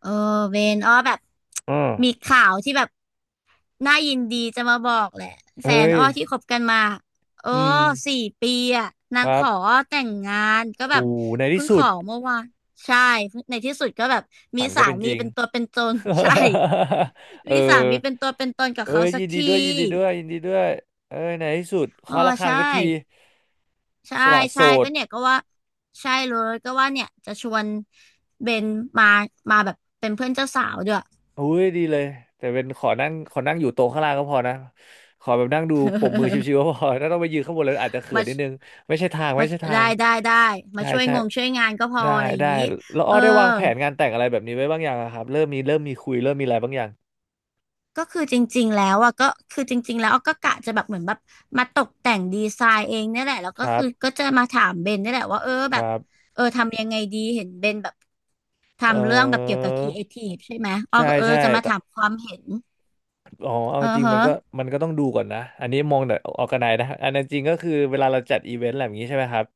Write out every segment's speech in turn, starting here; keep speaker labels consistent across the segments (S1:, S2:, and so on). S1: เออเวนอ้อแบบมี
S2: อ่า
S1: ข่าวที่แบบน่ายินดีจะมาบอกแหละแฟน
S2: เฮ้ย
S1: อ้อที่คบกันมาโอ้
S2: อืม
S1: 4 ปีอะนา
S2: ค
S1: งข
S2: รั
S1: อ
S2: บ
S1: อ้อแต่งงานก็แบ
S2: หู
S1: บ
S2: ในที่
S1: เพิ่งข
S2: สุด
S1: อเมื่อวานใช่ในที่สุดก็แบบมี
S2: ฝันก็
S1: สา
S2: เป็นจ
S1: มี
S2: ริง
S1: เป็นตัวเป็นตน ใช่
S2: เออ
S1: มีสามีเป็นตัวเป็นตนกับ
S2: เอ้
S1: เขา
S2: ย
S1: สั
S2: ยิ
S1: ก
S2: นดี
S1: ที
S2: ด้วยยินดีด้วยยินดีด้วยเอ้ยในที่สุด
S1: ออ
S2: เคาะ
S1: อ
S2: ระฆัง
S1: ใช่
S2: สักที
S1: ใช่
S2: สละโส
S1: ใช่
S2: ด
S1: ก็เนี่ยก็ว่าใช่เลยก็ว่าเนี่ยจะชวนเบนมามาแบบเป็นเพื่อนเจ้าสาวด้วย
S2: อุ้ยดีเลยแต่เป็นขอนั่งขอนั่งอยู่โต๊ะข้างล่างก็พอนะ ขอแบบนั่งดูปรบมือชิวๆก็พอถ้าต้องไปยืนข้างบนเลยอาจจะเขิน
S1: มา
S2: นิดนึงไม่ใช่ทางไม่
S1: มา
S2: ใช่ทา
S1: ได้
S2: ง
S1: ได้ได้มา
S2: ใช่
S1: ช่วย
S2: ใช่
S1: งงช่วยงานก็พอ
S2: ได้
S1: อะไรอย่า
S2: ได้
S1: งนี้
S2: แล้วอ้
S1: เอ
S2: อ
S1: อ
S2: ได้วางแผนงานแต่งอะไรแบบนี้ไว้บ้างอย่างอะครับเริ่มมีเริ่มมีคุยเริ่มมีอะไรบางอย่าง
S1: ก็คือจริงๆแล้วอ่ะก็คือจริงๆแล้วออก็กะจะแบบเหมือนแบบมาตกแต่งดีไซน์เองเนี่ยแหละแล้ว
S2: ค
S1: ก็
S2: รั
S1: คื
S2: บ
S1: อก็จะมาถามเบนเนี่ยแหละว่าเออ
S2: ค
S1: แบบ
S2: รับ
S1: ทำยังไงดีเห็นเบนแบบ
S2: เอ
S1: ทำเรื่องแบบเกี่ยว
S2: อ
S1: กับครีเอทีฟใช่ไหมอ้อ
S2: ใช่
S1: ก็
S2: ใช่
S1: จะมา
S2: แต่
S1: ถามความเห็น
S2: อ๋อเอา
S1: เออ
S2: จริงมั
S1: ฮะ
S2: นก็ต้องดูก่อนนะ อันนี้มองแต่ออกกันไนนะ อันนั้นจริงก็คือเวลาเราจัดอีเวนต์อะไรแบบนี้ใช่ไหมครับ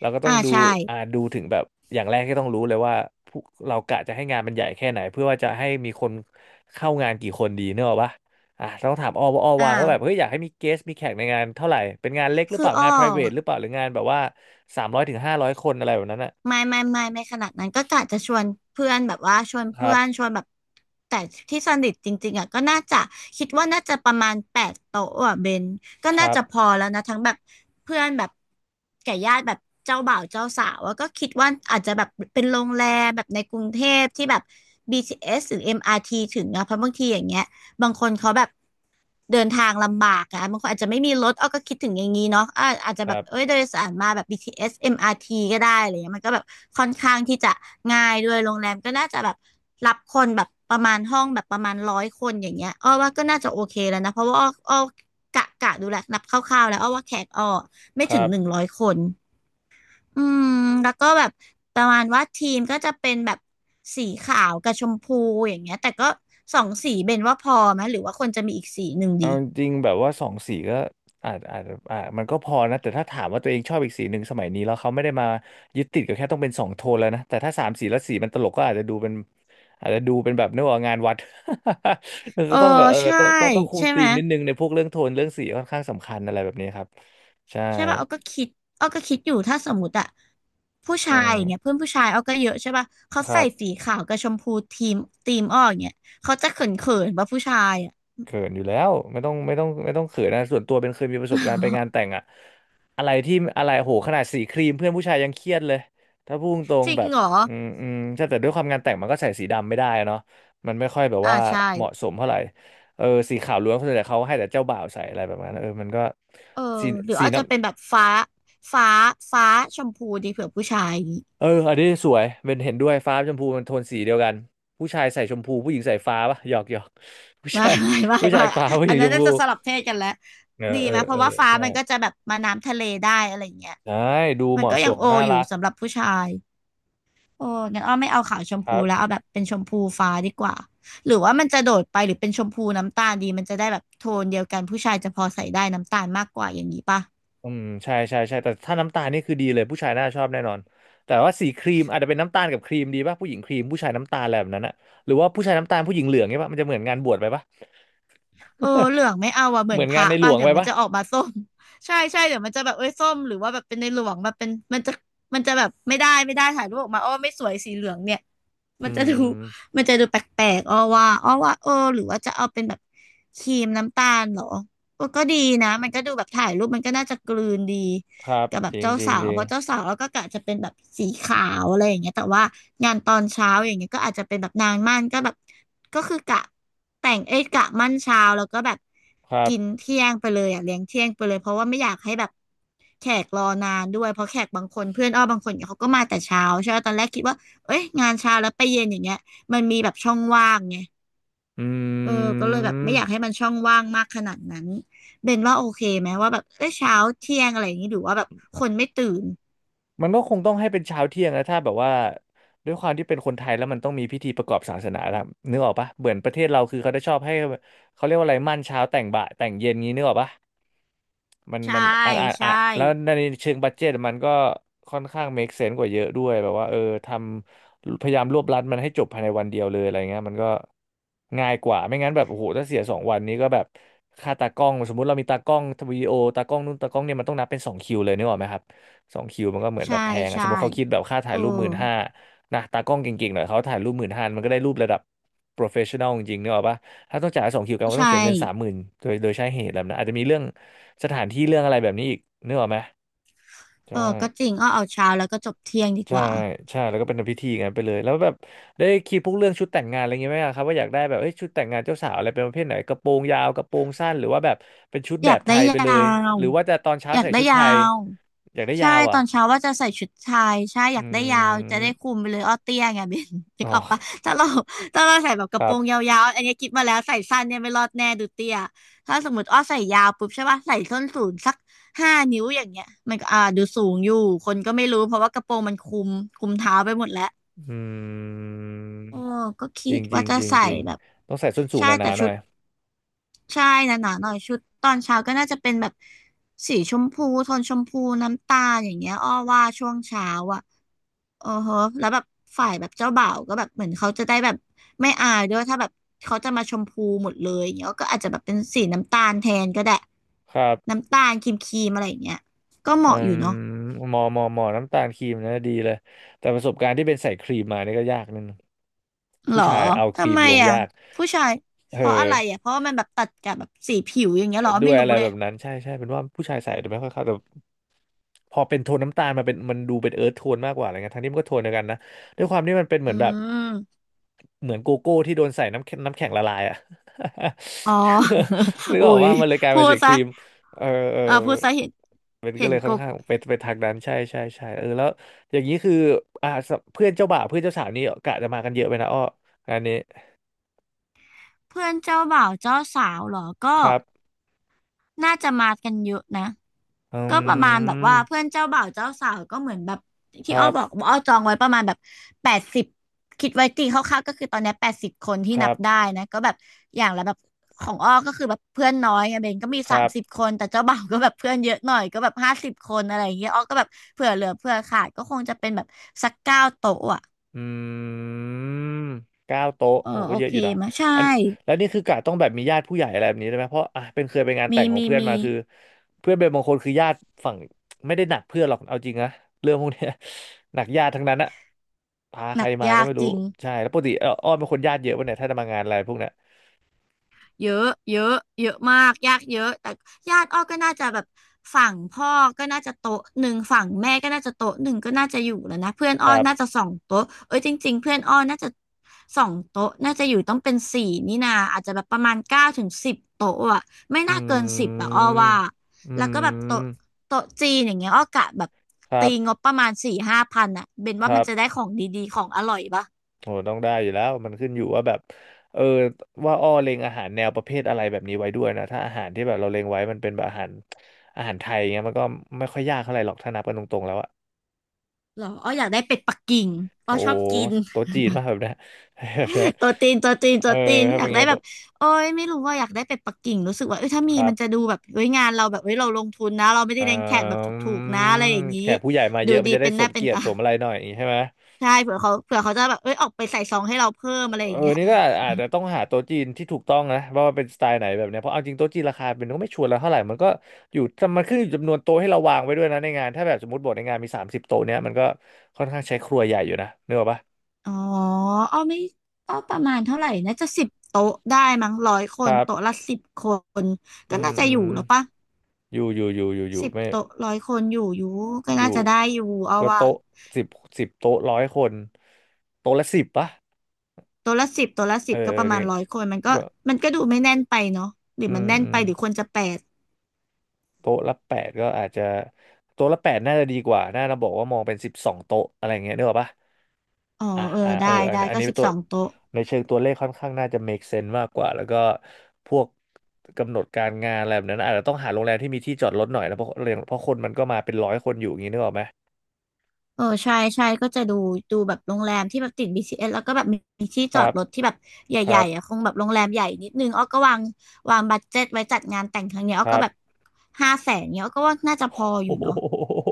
S2: เราก็ต้อ
S1: อ่า
S2: งดู
S1: ใช่
S2: ดูถึงแบบ อย่างแรกที่ต้องรู้เลยว่าผู้เรากะจะให้งานมันใหญ่แค่ไหนเพื่อว่าจะให้มีคนเข้างานกี่คนดีเนกอะปะอ่ะต้องถามออว่าออ
S1: อ
S2: วางว่าแบบเฮ้
S1: ่า
S2: ยอยากให้มีเกสมีแขกในงานเท่าไหร่เป็นงานเล็กหรือ
S1: คื
S2: เป
S1: อ
S2: ล่า
S1: อ้อ
S2: งาน private หรือเปล่าหรืองานแบบว่า300 ถึง 500 คนอะไรแบบนั้นนะ
S1: ไม่ไม่ไม่ไม่ขนาดนั้นก็กะจะชวนเพื่อนแบบว่าชวน
S2: ค
S1: เพื่
S2: รั
S1: อ
S2: บ
S1: นชวนแบบแต่ที่สนิทจริงๆอ่ะก็น่าจะคิดว่าน่าจะประมาณ8 โต๊ะอ่ะเบนก็
S2: ค
S1: น่า
S2: รับ
S1: จะพอแล้วนะทั้งแบบเพื่อนแบบแก่ญาติแบบเจ้าบ่าวเจ้าสาวอะก็คิดว่าอาจจะแบบเป็นโรงแรมแบบในกรุงเทพที่แบบ BTS หรือ MRT ถึงอะเพราะบางทีอย่างเงี้ย บางคนเขาแบบเดินทางลำบากอะบางคนอาจจะไม่มีรถอ้อก็คิดถึงอย่างนี้เนาะอาจจะ
S2: ค
S1: แบ
S2: รั
S1: บเอ้
S2: บ
S1: ยโดยสารมาแบบ BTS MRT ก็ได้อะไรเงี้ยมันก็แบบค่อนข้างที่จะง่ายด้วยโรงแรมก็น่าจะแบบรับคนแบบประมาณห้องแบบประมาณร้อยคนอย่างเงี้ยอ้อว่าก็น่าจะโอเคแล้วนะเพราะว่าอ้อกะดูแลวนับคร่าวๆแล้วอ้อว่าแขกอ้อไม่
S2: ครั
S1: ถึงหนึ่ง
S2: บ
S1: ร้อยคน อืมแล้วก็แบบประมาณว่าทีมก็จะเป็นแบบสีขาวกับชมพูอย่างเงี้ยแต่ก็สองสีเบนว่าพอไหมหรือว่าควรจะมีอีกสีหนึ่งดี
S2: เอาจริงๆแบบว่าสองสีก็อาจอาจอามันก็พอนะแต่ถ้าถามว่าตัวเองชอบอีกสีหนึ่งสมัยนี้แล้วเขาไม่ได้มายึดติดกับแค่ต้องเป็นสองโทนแล้วนะแต่ถ้าสามสีแล้วสีมันตลกก็อาจจะดูเป็นอาจจะดูเป็นแบบนึกว่างานวัด
S1: เอ
S2: ก็
S1: อ
S2: ต้องแบบเออ
S1: ใช่
S2: ต้องคุม
S1: ใช่
S2: ธี
S1: ไหม
S2: มนิดนึงในพวกเรื่องโทนเรื่องสีค่อนข้างสำคัญอะไรแบบนี้ครับใช่
S1: ใช่ป่ะเอาก็คิดอยู่ถ้าสมมติอะผู้
S2: อื
S1: ชาย
S2: ม
S1: อย่างเงี้ยเพื่อนผู้ชายเอาก็เยอะใช่ป่ะเขา
S2: ครั
S1: ใส่
S2: บ
S1: สีขาวกับชมพูทีมอ้ออย่างเงี้ยเขาจะเขินป่ะผู้ชายอะ
S2: เขินอยู่แล้วไม่ต้องไม่ต้องไม่ต้องเขินนะส่วนตัวเป็นเคยมีประสบการณ์ไปงานแต่ งอะอะไรที่อะไรโหขนาดสีครีมเพื่อนผู้ชายยังเครียดเลยถ้าพูดตรง
S1: จริ
S2: ๆแบ
S1: ง
S2: บ
S1: เหรอ
S2: อืมอืมใช่แต่ด้วยความงานแต่งมันก็ใส่สีดำไม่ได้อะเนาะมันไม่ค่อยแบบ
S1: อ่า
S2: ว่า
S1: ใช่
S2: เหมาะสมเท่าไหร่เออสีขาวล้วนส่วนใหญ่เขาให้แต่เจ้าบ่าวใส่อะไรแบบนั้นเออมันก็
S1: เออ
S2: สี
S1: หรือ
S2: สี
S1: อาจ
S2: น้
S1: จะเป็นแบบฟ้าฟ้าฟ้าชมพูดีเผื่อผู้ชายอย่างงี้
S2: ำเอออันนี้สวยเป็นเห็นด้วยฟ้าชมพูมันโทนสีเดียวกันผู้ชายใส่ชมพูผู้หญิงใส่ฟ้าปะหยอกหยอก ผู้
S1: ไม่
S2: ชาย
S1: ไม่ไม่
S2: ผู้ชาย
S1: ไม่
S2: ฟ้าผู้ห
S1: อั
S2: ญิ
S1: น
S2: งช
S1: นั้น
S2: ม
S1: น่า
S2: พู
S1: จะสลับเพศกันแล้ว
S2: เออ
S1: ดี
S2: เออ
S1: ไหมเพ
S2: เออ
S1: ราะว่าฟ้า
S2: ใช่
S1: มันก็จะแบบมาน้ำทะเลได้อะไรอย่างเงี้ย
S2: ใช่ดู
S1: มั
S2: เห
S1: นก็
S2: มาะส
S1: ยัง
S2: ม
S1: โอ
S2: น่า
S1: อยู่
S2: รัก
S1: สำหรับผู้ชายโอ้งั้นอ้อไม่เอาขาวชม
S2: ครั
S1: พูแล้วเอา
S2: บ
S1: แบบเป็นชมพูฟ้าดีกว่าหรือว่ามันจะโดดไปหรือเป็นชมพูน้ำตาลดีมันจะได้แบบโทนเดียวกันผู้ชายจะพอใส่ได้น้ำตาลมากกว่าอย่างนี้ป่ะ
S2: อืมใช่ใช่ใช่แต่ถ้าน้ำตาลนี่คือดีเลยผู้ชายน่าชอบแน่นอนแต่ว่าสีครีมอาจจะเป็นน้ำตาลกับครีมดีป่ะผู้หญิงครีมผู้ชายน้ำตาลอะไรแบบนั้นอะหรือว่าผู้ชายน้ำตาลผู้หญิงเหลืองเนี่ยป่ะมันจะเหมือนงานบวชไปป่ะ
S1: เออเหลื องไม่เอาอะเหมื
S2: เห
S1: อ
S2: มื
S1: น
S2: อน
S1: พ
S2: งา
S1: ระ
S2: นในหล
S1: ป่ะ
S2: วง
S1: เดี๋ย
S2: ไป
S1: วมัน
S2: ป่ะ
S1: จะออกมาส้ม ใช่ใช่เดี๋ยวมันจะแบบเอ้ยส้มหรือว่าแบบเป็นในหลวงแบบเป็นมันจะมันจะแบบไม่ได้ถ่ายรูปออกมาอ้อไม่สวยสีเหลืองเนี่ย
S2: อื
S1: มันจะดู
S2: ม
S1: มันจะดูแปลกๆอ้อว่าเออหรือว่าจะเอาเป็นแบบครีมน้ำตาลเหรอเออก็ดีนะมันก็ดูแบบถ่ายรูปมันก็น่าจะกลืนดี
S2: ครับ
S1: กับแบ
S2: จ
S1: บ
S2: ริง
S1: เจ้า
S2: จริง
S1: สา
S2: จ
S1: ว
S2: ริ
S1: เพ
S2: ง
S1: ราะเจ้าสาวเราก็กะจะเป็นแบบสีขาวอะไรอย่างเงี้ยแต่ว่างานตอนเช้าอย่างเงี้ยก็อาจจะเป็นแบบนางมั่นก็แบบก็คือกะแต่งเอ้ยกะมั่นเช้าแล้วก็แบบ
S2: ครับ
S1: กินเที่ยงไปเลยอ่ะเลี้ยงเที่ยงไปเลยเพราะว่าไม่อยากให้แบบแขกรอนานด้วยเพราะแขกบางคนเพื่อนอ้อบางคนเนี่ยเขาก็มาแต่เช้าใช่ไหมตอนแรกคิดว่าเอ้ยงานเช้าแล้วไปเย็นอย่างเงี้ยมันมีแบบช่องว่างไง
S2: อื
S1: เออก็เลยแบบไม่อ
S2: ม
S1: ยากให้มันช่องว่างมากขนาดนั้นเบนว่าโอเคไหมว่าแบบเออเช้าเที่ยงอะไรอย่างนี้หรือว่าแบบคนไม่ตื่น
S2: มันก็คงต้องให้เป็นเช้าเที่ยงนะถ้าแบบว่าด้วยความที่เป็นคนไทยแล้วมันต้องมีพิธีประกอบศาสนาแล้วนึกออกปะเหมือนประเทศเราคือเขาได้ชอบให้เขาเรียกว่าอะไรมั่นเช้าแต่งบ่ายแต่งเย็นงี้นึกออกปะมัน
S1: ใช่
S2: มันอ่ะ
S1: ใช่
S2: แล้วในเชิงบัดเจ็ตมันก็ค่อนข้าง make sense กว่าเยอะด้วยแบบว่าเออทพยายามรวบรัดมันให้จบภายในวันเดียวเลยอะไรเงี้ยมันก็ง่ายกว่าไม่งั้นแบบโอ้โหถ้าเสียสองวันนี้ก็แบบค่าตากล้องสมมุติเรามีตากล้องวิดีโอตากล้องนู่นตากล้องเนี่ยมันต้องนับเป็นสองคิวเลยนึกออกไหมครับ สองคิวมันก็เหมือนแบ
S1: ใช่
S2: บแพงอะส
S1: ใช่
S2: มมติเขาคิดแบบค่า
S1: เอ
S2: ถ่าย
S1: อ
S2: รูปหมื่นห้านะตากล้องเก่งๆหน่อยเขาถ่ายรูปหมื่นห้ามันก็ได้รูประดับ professional จริงๆเนกอะปะถ้าต้องจ่ายสองคิวกันก็
S1: ใช่
S2: ต้องเสียเงิน30,000โดยใช้เหตุแบบนั้นอาจจะมีเรื่องสถานที่เรื่องอะไรแบบนี้อีกนึกออกไหม
S1: เอ
S2: ใช่
S1: อก็จริงอ้อเอาเช้าแล้วก็จบเที่ยงดีก
S2: ใช่
S1: ว่า
S2: ใช่แล้วก็เป็นพิธีงั้นไปเลยแล้วแบบได้คิดพวกเรื่องชุดแต่งงานอะไรเงงี้ยไหมอะครับว่าอยากได้แบบเอ้ยชุดแต่งงานเจ้าสาวอะไรเป็นประเภทไหนกระโปรงยาวกระโปรงสั้นหรือว่าแบบเป็นชุด
S1: อ
S2: แบ
S1: ยา
S2: บ
S1: ก
S2: ไท
S1: ได้
S2: ยไป
S1: ยา
S2: เลย
S1: ว
S2: หรือว่าจะตอนเช้า
S1: อยาก
S2: ใส่
S1: ได้
S2: ชุดไท
S1: ยา
S2: ย
S1: ว
S2: อยากได้
S1: ใช่
S2: ยาว
S1: ต
S2: อ่ะ
S1: อนเช้าว่าจะใส่ชุดชายใช่อยา
S2: อื
S1: กได้ยาวจะได้คุ
S2: ม
S1: มไปเลยอ้อเตี้ยไง เบน นึ
S2: อ๋
S1: ก
S2: อ
S1: ออกปะถ้าเรา ถ้าเราใส่แบบก
S2: ค
S1: ระโป
S2: รั
S1: รง
S2: บ
S1: ยาวๆอันนี้คิดมาแล้วใส่สั้นเนี่ยไม่รอดแน่ดูเตี้ยถ้าสมมติอ้อใส่ยาวปุ๊บใช่ปะใส่ส้นสูงสัก5 นิ้วอย่างเงี้ยมันก็ดูสูงอยู่คนก็ไม่รู้เพราะว่ากระโปรงมันคุมเท้าไปหมดแล้ว
S2: อืม
S1: โออก็คิ
S2: จริ
S1: ด
S2: งจริ
S1: ว่า
S2: ง
S1: จะ
S2: จริง
S1: ใส่
S2: จริง
S1: แบบ
S2: ต้องใส่ส้นสูงห
S1: ใช่
S2: นา
S1: แต่
S2: ๆห
S1: ชุ
S2: น่อ
S1: ด
S2: ย
S1: ใช่หนาๆหน่อยชุดตอนเช้าก็น่าจะเป็นแบบสีชมพูโทนชมพูน้ำตาลอย่างเงี้ยอ้อว่าช่วงเช้าอ่ะ อ๋อฮะแล้วแบบฝ่ายแบบเจ้าบ่าวก็แบบเหมือนเขาจะได้แบบไม่อายด้วยถ้าแบบเขาจะมาชมพูหมดเลยอย่างเงี้ยก็อาจจะแบบเป็นสีน้ำตาลแทนก็ได้
S2: ครับ
S1: น้ำตาลครีมครีมอะไรอย่างเงี้ยก็เห
S2: อื
S1: มาะอยู่
S2: ม
S1: เนาะ
S2: หมอน้ำตาลครีมนะดีเลย แต่ประสบการณ์ที่เป็นใส่ครีมมานี่ก็ยากนิดนึง
S1: หร
S2: ผู้
S1: อ
S2: ชายเอาครี
S1: ทำ
S2: ม
S1: ไม
S2: ลง
S1: อ่ะ
S2: ยาก
S1: ผู้ชาย
S2: เออ
S1: เพราะอะไรอ่ะเพราะว่ามันแบบตัดกับแบบสีผิวอย่างเงี้ยหรอ
S2: ด้ว
S1: ไม่
S2: ยอะ
S1: รู้
S2: ไร
S1: เล
S2: แบ
S1: ย
S2: บนั้นใช่ใช่เป็นว่าผู้ชายใส่แต่ไม่ค่อยเข้าแต่พอเป็นโทนน้ำตาลมาเป็นมันดูเป็นเอิร์ธโทนมากกว่าอะไรเงี้ยทั้งที่มันก็โทนเดียวกันนะด้วยความที่มันเป็นเห
S1: อื
S2: มือนแบบ
S1: ม
S2: เหมือนโกโก้ที่โดนใส่น้ำแข็งน้ำแข็งละลายอ่ะ
S1: อ๋อ
S2: นึ ก
S1: อุ๊
S2: ออก
S1: ย
S2: ว่ามันเลยกลาย
S1: พู
S2: เป็น
S1: ด
S2: สีค
S1: ซะ
S2: รีมเออเออ
S1: อ่าพูดซะเห็น
S2: มันก็
S1: เห็
S2: เล
S1: น
S2: ยค่
S1: ก
S2: อน
S1: ก
S2: ข้างไปทางนั้นใช่ใช่ใช่เออแล้วอย่างนี้คืออ่าสเพื่อนเจ้าบ่าวเพื่อนเจ้าสาวนี่กะจะมากันเยอะไปนะอ้องานนี้
S1: เพื่อนเจ้าบ่าวเจ้าสาวเหรอก็
S2: ครับ
S1: น่าจะมากันเยอะนะ
S2: อื
S1: ก็ประมาณแบบว่าเพื่
S2: ม
S1: อนเจ้าบ่าวเจ้าสาวก็เหมือนแบบ
S2: ค
S1: ที่
S2: รั
S1: อ้อบอก
S2: บ
S1: ว่าอ้อจองไว้ประมาณแบบแปดสิบคิดไว้ตีคร่าวๆก็คือตอนเนี้80 คนที่
S2: ค
S1: นั
S2: รั
S1: บได้
S2: บ
S1: นะก็แบบอย่างละแบบของอ้อก็คือแบบเพื่อนน้อยไงเบนก็มี
S2: ค
S1: สา
S2: รั
S1: ม
S2: บ
S1: สิบคนแต่เจ้าบ่าวก็แบบเพื่อนเยอะหน่อยก็แบบ50 คนอะไรอย่างเงี้ยอ้อก็แบบเผื่อเหลือเผื่อขาดก็คงจะเป็นแบบสัก9 โต๊ะอ่ะ
S2: อืม9โต๊ะ
S1: เออ
S2: โอ้โหก็
S1: โอ
S2: เยอะ
S1: เค
S2: อยู่นะ
S1: มาใช่
S2: อันแล้วนี่คือกะต้องแบบมีญาติผู้ใหญ่อะไรแบบนี้ได้ไหมเพราะอ่ะเป็นเคยไปงานแต่
S1: มี
S2: งของ
S1: มี
S2: เพื่อน
S1: มี
S2: มาคือเพื่อนเป็นบางคนคือญาติฝั่งไม่ได้หนักเพื่อนหรอกเอาจริงนะเรื่องพวกเนี้ย หนักญาติทั้งนั้นอะพาใค
S1: ห
S2: ร
S1: นัก
S2: มา
S1: ยา
S2: ก็
S1: ก
S2: ไม่
S1: จ
S2: รู้
S1: ริง
S2: ใช่แล้วปกติเอออ้อมเป็นคนญาติเยอะปะเนี่ยถ้าจะมางานอะไรพวกเนี้ย
S1: เยอะเยอะเยอะมากยากเยอะแต่ญาติอ้อก็น่าจะแบบฝั่งพ่อก็น่าจะโต๊ะหนึ่งฝั่งแม่ก็น่าจะโต๊ะหนึ่งก็น่าจะอยู่แล้วนะเพื่อน
S2: ค
S1: อ้อ
S2: รั
S1: น่าจะ
S2: บ
S1: สองโต๊ะเอ้ยจริงๆเพื่อนอ้อน่าจะสองโต๊ะน่าจะอยู่ต้องเป็นสี่นี่นาอาจจะแบบประมาณ9 ถึง 10 โต๊ะอะไม่
S2: อ
S1: น่าเกิน
S2: ื
S1: สิบอะอ้อ
S2: ม
S1: ว่า
S2: อื
S1: แล้วก็แบบโต๊ะ
S2: ม
S1: โต๊ะจีนอย่างเงี้ยอ้อกะแบบ
S2: ครั
S1: ตีง
S2: บ
S1: บประมาณ4-5 พันอะเบน
S2: ค
S1: ว่า
S2: รั
S1: มัน
S2: บ
S1: จะได้ของดีๆของอร่อยปะ
S2: โหต้องได้อยู่แล้วมันขึ้นอยู่ว่าแบบเออว่าอ้อเล็งอาหารแนวประเภทอะไรแบบนี้ไว้ด้วยนะถ้าอาหารที่แบบเราเล็งไว้มันเป็นแบบอาหารไทยเงี้ยมันก็ไม่ค่อยยากเท่าไหร่หรอกถ้านับกันตรงๆแล้วอะ
S1: หรออ้ออยากได้เป็ดปักกิ่งอ้อ
S2: โอ้
S1: ชอ
S2: โห
S1: บกิน
S2: โต๊ะจีนมากแบบเนี้ย แบบเนี้ย
S1: ตัวตีนตัวตีน
S2: เอ
S1: ตั
S2: อ
S1: วตีน
S2: ถ้า
S1: อ
S2: เป็
S1: ยา
S2: นอ
S1: ก
S2: ย่าง
S1: ได้
S2: เงี้ย
S1: แบบโอ้ยไม่รู้ว่าอยากได้เป็ดปักกิ่งรู้สึกว่าเอ้ยถ้ามี
S2: ครั
S1: มันจะ
S2: บ
S1: ดูแบบเอ้ยงานเราแบบเว้ยเราลงทุนนะเราไม่
S2: เ
S1: ได้เลี้ยงแขกแบบถ
S2: ออ
S1: ูกๆนะอะไรอย่างนี้
S2: แขกผู้ใหญ่มาเย
S1: ดู
S2: อะมั
S1: ดี
S2: นจะได้
S1: เป็นห
S2: ส
S1: น้า
S2: ม
S1: เป็น
S2: เกียรติ
S1: ตา
S2: ส มอะไรหน่อยอย่างงี้ใช่ไหม
S1: ใช่เผื่อเขาจะแบบเอ้ยออกไปใส่ซองให้เราเพิ่มอะไร
S2: เอ
S1: อ
S2: อ
S1: ย่างเงี้ย
S2: นี่ก็อาจจะต้องหาโต๊ะจีนที่ถูกต้องนะว่ามันเป็นสไตล์ไหนแบบเนี้ยเพราะเอาจริงโต๊ะจีนราคาเป็นก็ไม่ชัวร์แล้วเท่าไหร่มันก็อยู่มันขึ้นอยู่จำนวนโต๊ะให้เราวางไว้ด้วยนะในงานถ้าแบบสมมติบทในงานมี30โต๊ะเนี้ยมันก็ค่อนข้างใช้ครัวใหญ่อยู่นะนึกออกปะ
S1: อ๋ออ้อาไม่ก็ประมาณเท่าไหร่น่าจะสิบโต๊ะได้มั้งร้อยค
S2: ค
S1: น
S2: รับ
S1: โต๊ะละ 10 คน
S2: อื
S1: ก็
S2: ม
S1: น่าจะ
S2: อื
S1: อยู่
S2: ม
S1: แล้วปะ
S2: อยู่อยู่อยู่อยู่อยู่
S1: สิบ
S2: ไม่
S1: โต๊ะร้อยคนอยู่อยู่ก็
S2: อยู่
S1: น่าจะได้อยู่เอา
S2: ก็
S1: ว่ะ
S2: โต๊ะสิบสิบโต๊ะร้อยคนโต๊ะละสิบปะ
S1: ตัวละสิบตัวละสิ
S2: เออ
S1: บก็
S2: เออ
S1: ประมา
S2: นี่
S1: ณร้อยคนมันก็
S2: ก็
S1: มันก็ดูไม่แน่นไปเนาะหรือ
S2: อื
S1: มัน
S2: ม
S1: แน่น
S2: อื
S1: ไป
S2: ม
S1: หรือควรจะแปด
S2: โต๊ะละแปดก็อาจจะโต๊ะละแปดน่าจะดีกว่า น่าจะบอกว่ามองเป็น12โต๊ะอะไรเงี้ยนึกออกปะ
S1: อ๋อ
S2: อ่ะ
S1: เออ
S2: อ่ะเอ
S1: ได้
S2: ออัน
S1: ได้
S2: อัน
S1: ก็
S2: นี้
S1: สิบ
S2: ตัว
S1: สองโต๊ะ
S2: ในเชิงตัวเลขค่อนข้างน่าจะ make sense มากกว่า แล้วก็พวกกำหนดการงานอะไรแบบนั้นอาจจะต้องหาโรงแรมที่มีที่จอดรถหน่อยนะเพราะคนมันก็มาเป็นร้อยคนอยู่อย่างนี้นึกออกไหม
S1: เออใช่ใช่ก็จะดูดูแบบโรงแรมที่แบบติด BCS แล้วก็แบบมีที่
S2: ค
S1: จอ
S2: รั
S1: ด
S2: บ
S1: รถที่แบบ
S2: ค
S1: ให
S2: รั
S1: ญ่
S2: บ
S1: ๆอ่ะคงแบบโรงแรมใหญ่นิดนึงอ้อก็วางบัดเจ็ตไว้จัดงานแต่งครั้งเนี้ย
S2: ค
S1: อ้อก็
S2: รับ
S1: แบบ500,000เนี้ยอ้อก็ว่าน่าจะพอ อ
S2: โอ้
S1: ยู่
S2: โ
S1: เนาะ
S2: ห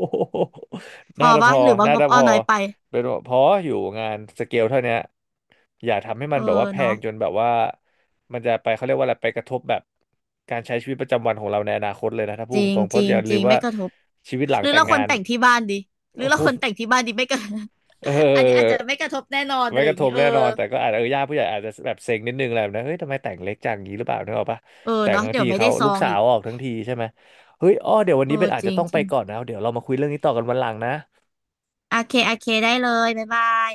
S1: พ
S2: น่า
S1: อ
S2: จะพ
S1: ปะ
S2: อ
S1: หรือว่า
S2: น่า
S1: ง
S2: จะ
S1: บ
S2: พ
S1: อ้อ
S2: อ
S1: น้อยไป
S2: เป็นพออยู่งานสเกลเท่าเนี้ยอย่าทำให้
S1: เอ
S2: มัน
S1: อ
S2: แบบว่าแพ
S1: เนาะ
S2: งจนแบบว่ามันจะไปเขาเรียกว่าอะไรไปกระทบแบบการใช้ชีวิตประจำวันของเราในอนาคตเลยนะถ้าพู
S1: จ
S2: ด
S1: ริ
S2: ต
S1: ง
S2: รงๆเพ
S1: จ
S2: ราะ
S1: ริ
S2: อ
S1: ง
S2: ย่า
S1: จ
S2: ลื
S1: ริ
S2: ม
S1: ง
S2: ว่า
S1: ไม่กระทบ
S2: ชีวิตหลั
S1: ห
S2: ง
S1: รือ
S2: แต่ง
S1: เราค
S2: งา
S1: วร
S2: น
S1: แต่งที่บ้านดีหรือ
S2: โอ้
S1: เรา
S2: โห
S1: ค วรแต่งที่บ้านดีไม่กระทบ
S2: เออ
S1: อันนี้อาจจะไม่กระทบแน่นอน
S2: ไม
S1: อะไร
S2: ก
S1: อ
S2: ระ
S1: ย่าง
S2: ท
S1: นี้
S2: บ
S1: เออ
S2: แน่นอนแต่ก็อาจจะเออญาติผู้ใหญ่อาจจะแบบเซ็งนิดนึงแหละแบบนะเฮ้ยทำไมแต่งเล็กจังงี้หรือเปล่านึกออกปะ
S1: เออ
S2: แต่ง
S1: เนาะ
S2: ทั้ง
S1: เดี๋ย
S2: ที
S1: วไม่
S2: เขา
S1: ได้ซ
S2: ลู
S1: อ
S2: ก
S1: ง
S2: สา
S1: อี
S2: ว
S1: ก
S2: ออกทั้งทีใช่ไหมเฮ้ยอ้อเดี๋ยววัน
S1: เอ
S2: นี้เป็
S1: อ
S2: นอาจ
S1: จ
S2: จะ
S1: ริง
S2: ต้อง
S1: จ
S2: ไป
S1: ริง
S2: ก่อนนะเดี๋ยวเรามาคุยเรื่องนี้ต่อกันวันหลังนะ
S1: โอเคโอเคได้เลยบ๊ายบาย